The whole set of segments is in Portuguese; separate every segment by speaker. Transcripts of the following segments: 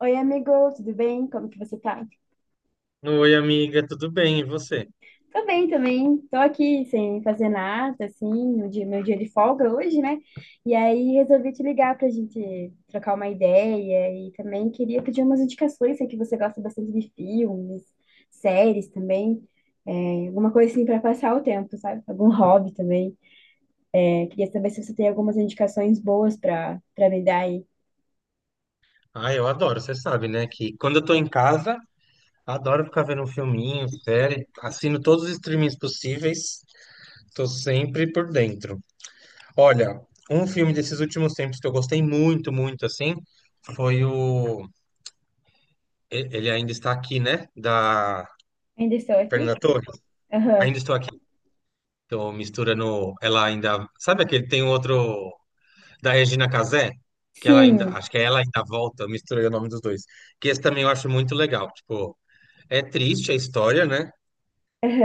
Speaker 1: Oi, amigo, tudo bem? Como que você tá?
Speaker 2: Oi, amiga, tudo bem? E você?
Speaker 1: Tô bem também. Tô aqui sem fazer nada, assim, no meu dia de folga hoje, né? E aí resolvi te ligar pra gente trocar uma ideia e também queria pedir umas indicações, sei que você gosta bastante de filmes, séries também, alguma coisa assim pra passar o tempo, sabe? Algum hobby também. Queria saber se você tem algumas indicações boas pra para me dar aí.
Speaker 2: Ah, eu adoro, você sabe, né? Que quando eu tô em casa, adoro ficar vendo um filminho, série, assino todos os streamings possíveis, tô sempre por dentro. Olha, um filme desses últimos tempos que eu gostei muito, muito, assim, foi o. Ele ainda está aqui, né? Da
Speaker 1: Ainda estou aqui?
Speaker 2: Fernanda Torres.
Speaker 1: Aham.
Speaker 2: Ainda estou aqui. Tô misturando. Ela ainda. Sabe aquele tem um outro. Da Regina Casé, que ela ainda,
Speaker 1: Sim.
Speaker 2: acho que é ela ainda volta, eu misturei o nome dos dois. Que esse também eu acho muito legal. Tipo, é triste a história, né?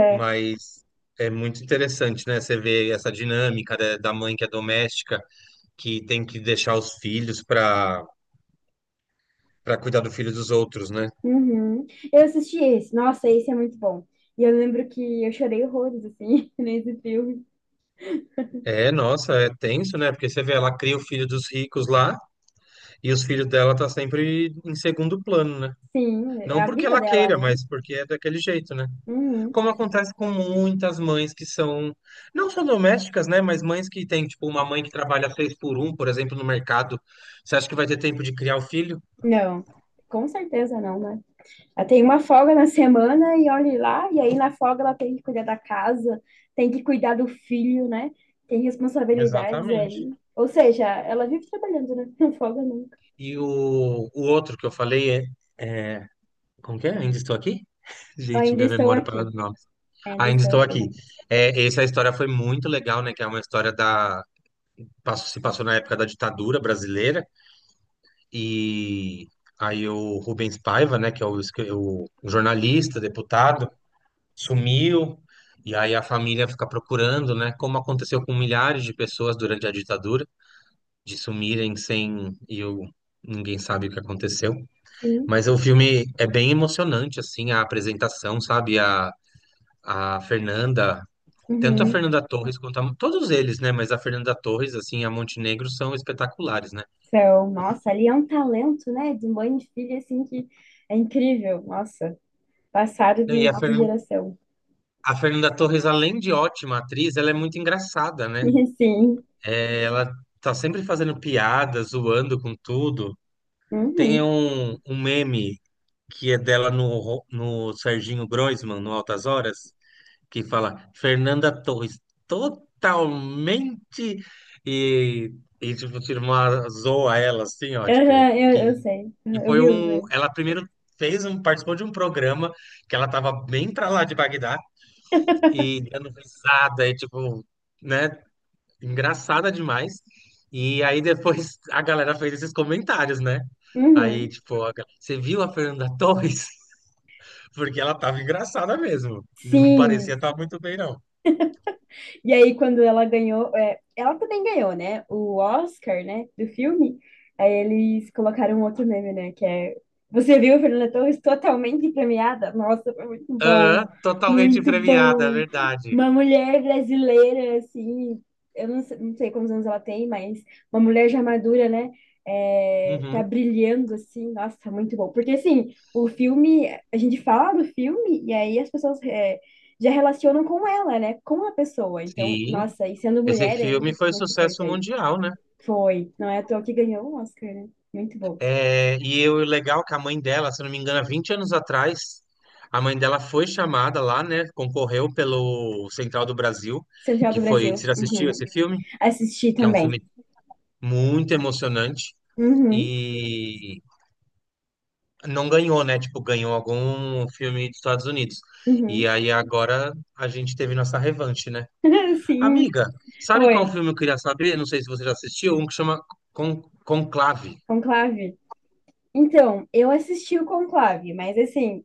Speaker 2: Mas é muito interessante, né? Você vê essa dinâmica da mãe que é doméstica, que tem que deixar os filhos para cuidar do filho dos outros, né?
Speaker 1: Uhum. Eu assisti esse. Nossa, esse é muito bom. E eu lembro que eu chorei horrores, assim, nesse filme.
Speaker 2: É, nossa, é tenso, né? Porque você vê, ela cria o filho dos ricos lá e os filhos dela tá sempre em segundo plano, né?
Speaker 1: Sim, é
Speaker 2: Não
Speaker 1: a
Speaker 2: porque
Speaker 1: vida
Speaker 2: ela
Speaker 1: dela,
Speaker 2: queira,
Speaker 1: né?
Speaker 2: mas porque é daquele jeito, né?
Speaker 1: Uhum.
Speaker 2: Como acontece com muitas mães que são, não só domésticas, né, mas mães que têm, tipo, uma mãe que trabalha seis por um, por exemplo, no mercado. Você acha que vai ter tempo de criar o filho?
Speaker 1: Não, com certeza não, né? Ela tem uma folga na semana e olhe lá, e aí na folga ela tem que cuidar da casa, tem que cuidar do filho, né? Tem responsabilidades
Speaker 2: Exatamente.
Speaker 1: aí. Ou seja, ela vive trabalhando, né? Não folga nunca.
Speaker 2: E o outro que eu falei é, é- como que é? Ainda estou aqui? Gente,
Speaker 1: Ainda
Speaker 2: minha
Speaker 1: estou
Speaker 2: memória para
Speaker 1: aqui.
Speaker 2: os nomes.
Speaker 1: Ainda
Speaker 2: Ainda
Speaker 1: estou
Speaker 2: estou
Speaker 1: aqui.
Speaker 2: aqui. É, essa história foi muito legal, né? Que é uma história da... Se passou na época da ditadura brasileira e... Aí o Rubens Paiva, né, que é o, o jornalista, deputado, sumiu, e aí a família fica procurando, né? Como aconteceu com milhares de pessoas durante a ditadura, de sumirem sem e ninguém sabe o que aconteceu.
Speaker 1: Sim.
Speaker 2: Mas o filme é bem emocionante, assim, a apresentação, sabe? A Fernanda, tanto a
Speaker 1: Uhum.
Speaker 2: Fernanda Torres quanto a, todos eles, né? Mas a Fernanda Torres, assim, e a Montenegro são espetaculares, né?
Speaker 1: São, nossa, ali é um talento, né? De mãe e filha, assim, que é incrível. Nossa, passado
Speaker 2: E a, Fer,
Speaker 1: de geração.
Speaker 2: a Fernanda Torres, além de ótima atriz, ela é muito engraçada, né?
Speaker 1: E sim.
Speaker 2: É, ela tá sempre fazendo piada, zoando com tudo. Tem
Speaker 1: Uhum.
Speaker 2: um meme que é dela no, no Serginho Groisman, no Altas Horas, que fala Fernanda Torres totalmente e, e tipo, tira uma zoa ela assim, ó, tipo,
Speaker 1: Aham, eu sei.
Speaker 2: que
Speaker 1: Aham, eu
Speaker 2: foi
Speaker 1: vi o.
Speaker 2: um. Ela primeiro fez um, participou de um programa que ela tava bem pra lá de Bagdá e dando risada, e tipo, né? Engraçada demais. E aí depois a galera fez esses comentários, né? Aí,
Speaker 1: Uhum.
Speaker 2: tipo, a você viu a Fernanda Torres? Porque ela tava engraçada mesmo. Não parecia
Speaker 1: Sim.
Speaker 2: estar muito bem, não.
Speaker 1: E aí, quando ela ganhou, ela também ganhou, né? O Oscar, né? Do filme. Aí eles colocaram outro meme, né? Que é. Você viu Fernanda Torres totalmente premiada? Nossa, foi muito bom.
Speaker 2: Aham, totalmente
Speaker 1: Muito
Speaker 2: premiada, é
Speaker 1: bom.
Speaker 2: verdade.
Speaker 1: Uma mulher brasileira, assim. Eu não sei, não sei quantos anos ela tem, mas uma mulher já madura, né? Tá
Speaker 2: Uhum,
Speaker 1: brilhando assim, nossa, muito bom. Porque assim, o filme, a gente fala do filme e aí as pessoas já relacionam com ela, né? Com a pessoa. Então,
Speaker 2: sim.
Speaker 1: nossa, e sendo
Speaker 2: Esse
Speaker 1: mulher
Speaker 2: filme
Speaker 1: ainda,
Speaker 2: foi
Speaker 1: muito
Speaker 2: sucesso
Speaker 1: importante.
Speaker 2: mundial, né?
Speaker 1: Foi. Não é à toa que ganhou o Oscar, né? Muito bom.
Speaker 2: É, e eu, o legal é que a mãe dela, se eu não me engano, há 20 anos atrás, a mãe dela foi chamada lá, né? Concorreu pelo Central do Brasil,
Speaker 1: Central do
Speaker 2: que foi. Você
Speaker 1: Brasil.
Speaker 2: já assistiu
Speaker 1: Uhum.
Speaker 2: esse filme?
Speaker 1: Assisti
Speaker 2: Que é um
Speaker 1: também.
Speaker 2: filme muito emocionante
Speaker 1: Uhum.
Speaker 2: e não ganhou, né? Tipo, ganhou algum filme dos Estados Unidos. E
Speaker 1: Uhum.
Speaker 2: aí agora a gente teve nossa revanche, né?
Speaker 1: Sim.
Speaker 2: Amiga, sabe qual
Speaker 1: Oi.
Speaker 2: filme eu queria saber? Não sei se você já assistiu, um que chama Con Conclave,
Speaker 1: Conclave. Então, eu assisti o Conclave, mas assim,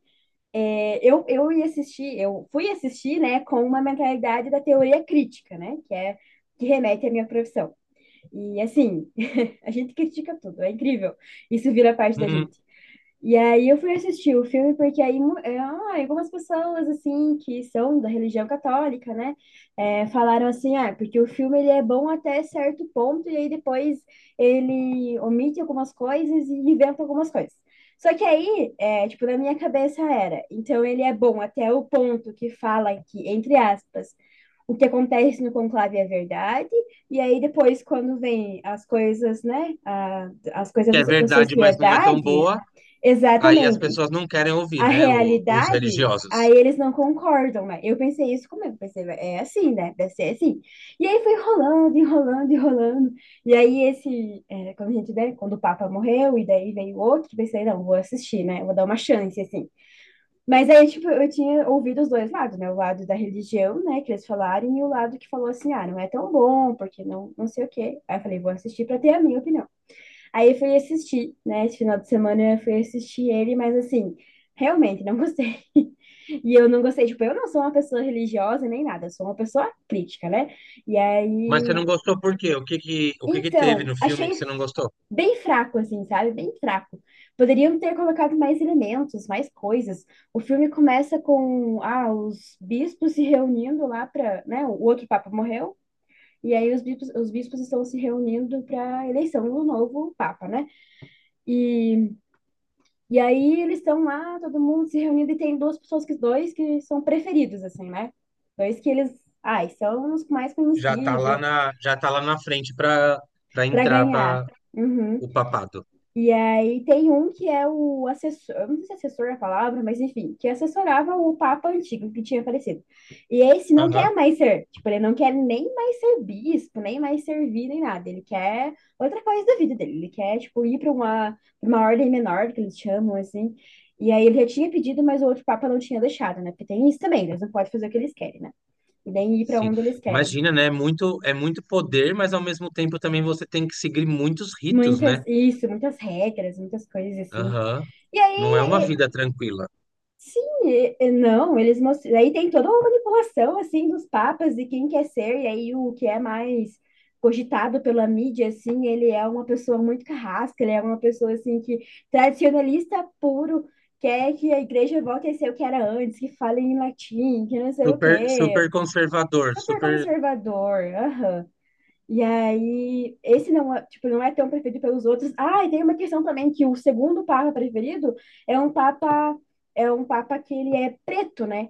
Speaker 1: eu ia assistir, eu fui assistir, né, com uma mentalidade da teoria crítica, né? Que é que remete à minha profissão. E assim, a gente critica tudo, é incrível. Isso vira parte da
Speaker 2: uhum.
Speaker 1: gente. E aí eu fui assistir o filme porque aí algumas pessoas assim que são da religião católica, né, falaram assim, ah, porque o filme ele é bom até certo ponto e aí depois ele omite algumas coisas e inventa algumas coisas. Só que aí, é, tipo, na minha cabeça era, então ele é bom até o ponto que fala que, entre aspas, o que acontece no conclave é verdade, e aí depois quando vem as coisas, né, as coisas
Speaker 2: Que é
Speaker 1: da
Speaker 2: verdade, mas não é tão
Speaker 1: sociedade.
Speaker 2: boa. Aí as
Speaker 1: Exatamente.
Speaker 2: pessoas não querem ouvir,
Speaker 1: A
Speaker 2: né? Os
Speaker 1: realidade, aí
Speaker 2: religiosos.
Speaker 1: eles não concordam, né? Eu pensei isso comigo, pensei, é assim, né? Deve ser assim. E aí foi enrolando, enrolando, enrolando. E aí esse, é, quando a gente, né, quando o Papa morreu, e daí veio outro, pensei, não, vou assistir, né? Vou dar uma chance, assim. Mas aí, tipo, eu tinha ouvido os dois lados, né? O lado da religião, né, que eles falaram, e o lado que falou assim, ah, não é tão bom, porque não, não sei o quê. Aí eu falei, vou assistir para ter a minha opinião. Aí eu fui assistir, né? Esse final de semana eu fui assistir ele, mas assim, realmente não gostei. E eu não gostei, tipo, eu não sou uma pessoa religiosa nem nada, eu sou uma pessoa crítica, né? E
Speaker 2: Mas você não
Speaker 1: aí,
Speaker 2: gostou por quê? O que que teve
Speaker 1: então,
Speaker 2: no filme que você não gostou?
Speaker 1: bem fraco, assim, sabe? Bem fraco. Poderiam ter colocado mais elementos, mais coisas. O filme começa com ah, os bispos se reunindo lá para, né? O outro papa morreu. E aí os bispos estão se reunindo para eleição do novo papa, né? E E aí eles estão lá, todo mundo se reunindo, e tem duas pessoas que dois que são preferidos, assim, né? Dois que eles, ai, são os mais
Speaker 2: Já tá
Speaker 1: conhecidos
Speaker 2: lá na, já tá lá na frente para
Speaker 1: para
Speaker 2: entrar
Speaker 1: ganhar.
Speaker 2: para
Speaker 1: Uhum.
Speaker 2: o papado.
Speaker 1: E aí tem um que é o assessor, eu não sei se é assessor é a palavra, mas enfim, que assessorava o Papa antigo que tinha falecido. E esse não quer mais ser, tipo, ele não quer nem mais ser bispo, nem mais servir, nem nada. Ele quer outra coisa da vida dele. Ele quer, tipo, ir para pra uma ordem menor, que eles chamam, assim. E aí ele já tinha pedido, mas o outro Papa não tinha deixado, né? Porque tem isso também, eles não podem fazer o que eles querem, né? E nem ir para
Speaker 2: Sim,
Speaker 1: onde eles querem
Speaker 2: imagina, né? É muito, é muito poder, mas ao mesmo tempo também você tem que seguir muitos ritos,
Speaker 1: muitas
Speaker 2: né?
Speaker 1: isso, muitas regras, muitas coisas assim.
Speaker 2: Aham.
Speaker 1: E
Speaker 2: Não é uma
Speaker 1: aí
Speaker 2: vida tranquila.
Speaker 1: sim, e não, eles mostram. Aí tem toda uma manipulação assim dos papas de quem quer ser, e aí o que é mais cogitado pela mídia, assim, ele é uma pessoa muito carrasca, ele é uma pessoa assim que tradicionalista puro, quer que a igreja volte a ser o que era antes, que fale em latim, que não sei o
Speaker 2: Super,
Speaker 1: quê.
Speaker 2: super conservador,
Speaker 1: Super
Speaker 2: super.
Speaker 1: conservador, aham. E aí, esse não é, tipo, não é tão preferido pelos outros. Ah, e tem uma questão também que o segundo papa preferido é um papa é um papa que ele é preto, né?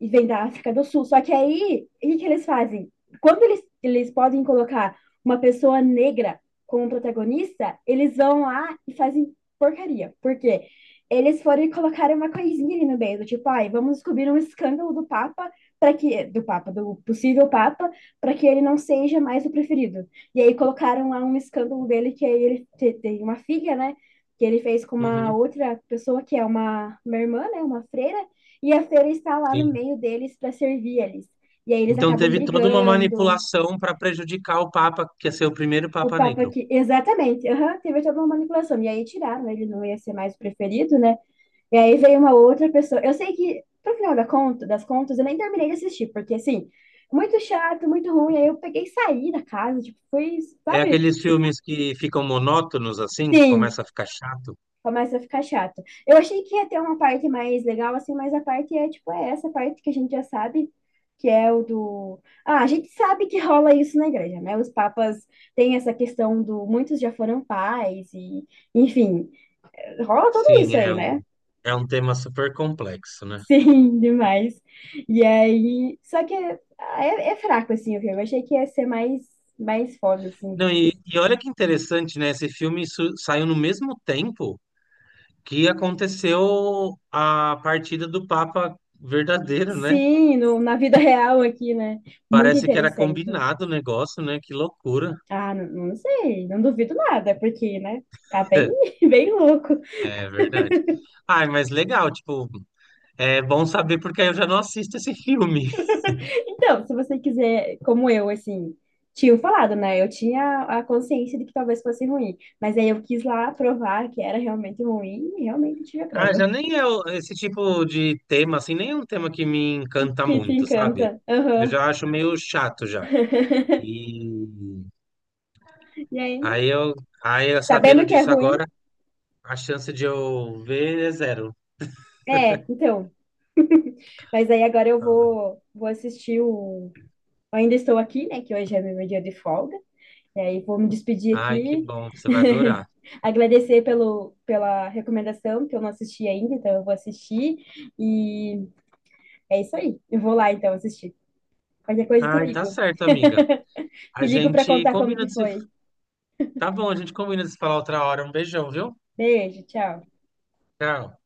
Speaker 1: E vem da África do Sul. Só que aí, o que, que eles fazem? Quando eles podem colocar uma pessoa negra como protagonista, eles vão lá e fazem porcaria. Por quê? Eles foram e colocaram uma coisinha ali no meio, do tipo, ai, vamos descobrir um escândalo do Papa do possível Papa, para que ele não seja mais o preferido. E aí colocaram lá um escândalo dele que aí tem uma filha, né? Que ele fez com uma
Speaker 2: Uhum,
Speaker 1: outra pessoa que é uma irmã, né? Uma freira. E a freira está lá no
Speaker 2: sim.
Speaker 1: meio deles para servir eles. E aí eles
Speaker 2: Então
Speaker 1: acabam
Speaker 2: teve toda uma
Speaker 1: brigando.
Speaker 2: manipulação para prejudicar o Papa, que ia ser o primeiro
Speaker 1: O
Speaker 2: Papa
Speaker 1: Papa
Speaker 2: Negro.
Speaker 1: que exatamente, aham, teve toda uma manipulação. E aí tiraram, ele não ia ser mais o preferido, né? E aí veio uma outra pessoa. Eu sei que, pro final das contas, eu nem terminei de assistir, porque assim, muito chato, muito ruim. Aí eu peguei e saí da casa, tipo, foi,
Speaker 2: É
Speaker 1: sabe?
Speaker 2: aqueles filmes que ficam monótonos assim, que
Speaker 1: Sim,
Speaker 2: começa a ficar chato.
Speaker 1: começa a ficar chato. Eu achei que ia ter uma parte mais legal, assim, mas a parte é, tipo, é essa parte que a gente já sabe, que é o do. Ah, a gente sabe que rola isso na igreja, né? Os papas têm essa questão do. Muitos já foram pais, e, enfim, rola tudo
Speaker 2: Sim,
Speaker 1: isso aí, né?
Speaker 2: é um tema super complexo, né?
Speaker 1: Sim, demais. E aí, só que é fraco, assim, o filme. Eu achei que ia ser mais, mais foda, assim.
Speaker 2: Não, e olha que interessante, né? Esse filme saiu no mesmo tempo que aconteceu a partida do Papa verdadeiro, né?
Speaker 1: Sim, no, na vida real aqui, né? Muito
Speaker 2: Parece que era
Speaker 1: interessante.
Speaker 2: combinado o negócio, né? Que loucura.
Speaker 1: Ah, não, não sei, não duvido nada, porque, né? Tá bem, bem louco.
Speaker 2: É verdade. Ai, mas legal, tipo, é bom saber porque aí eu já não assisto esse filme.
Speaker 1: Então, se você quiser, como eu, assim, tinha falado, né? Eu tinha a consciência de que talvez fosse ruim, mas aí eu quis lá provar que era realmente ruim e realmente tive a
Speaker 2: Ah, já
Speaker 1: prova.
Speaker 2: nem é esse tipo de tema, assim, nem é um tema que me encanta
Speaker 1: Que te
Speaker 2: muito, sabe?
Speaker 1: encanta.
Speaker 2: Eu
Speaker 1: Aham.
Speaker 2: já acho meio chato já. E
Speaker 1: E aí,
Speaker 2: aí eu, aí eu sabendo
Speaker 1: sabendo que é
Speaker 2: disso
Speaker 1: ruim,
Speaker 2: agora, a chance de eu ver é zero.
Speaker 1: é, então. Mas aí agora
Speaker 2: Ah,
Speaker 1: vou assistir o. Ainda estou aqui, né? Que hoje é meu dia de folga. E aí vou me despedir
Speaker 2: ai, que
Speaker 1: aqui.
Speaker 2: bom, você vai adorar.
Speaker 1: Agradecer pela recomendação, que eu não assisti ainda, então eu vou assistir. E é isso aí. Eu vou lá então assistir. Qualquer coisa te
Speaker 2: Ai, tá
Speaker 1: ligo.
Speaker 2: certo, amiga.
Speaker 1: Te
Speaker 2: A
Speaker 1: ligo para
Speaker 2: gente
Speaker 1: contar como
Speaker 2: combina
Speaker 1: que
Speaker 2: de se.
Speaker 1: foi.
Speaker 2: Tá bom, a gente combina de se falar outra hora. Um beijão, viu?
Speaker 1: Beijo, tchau.
Speaker 2: Tchau.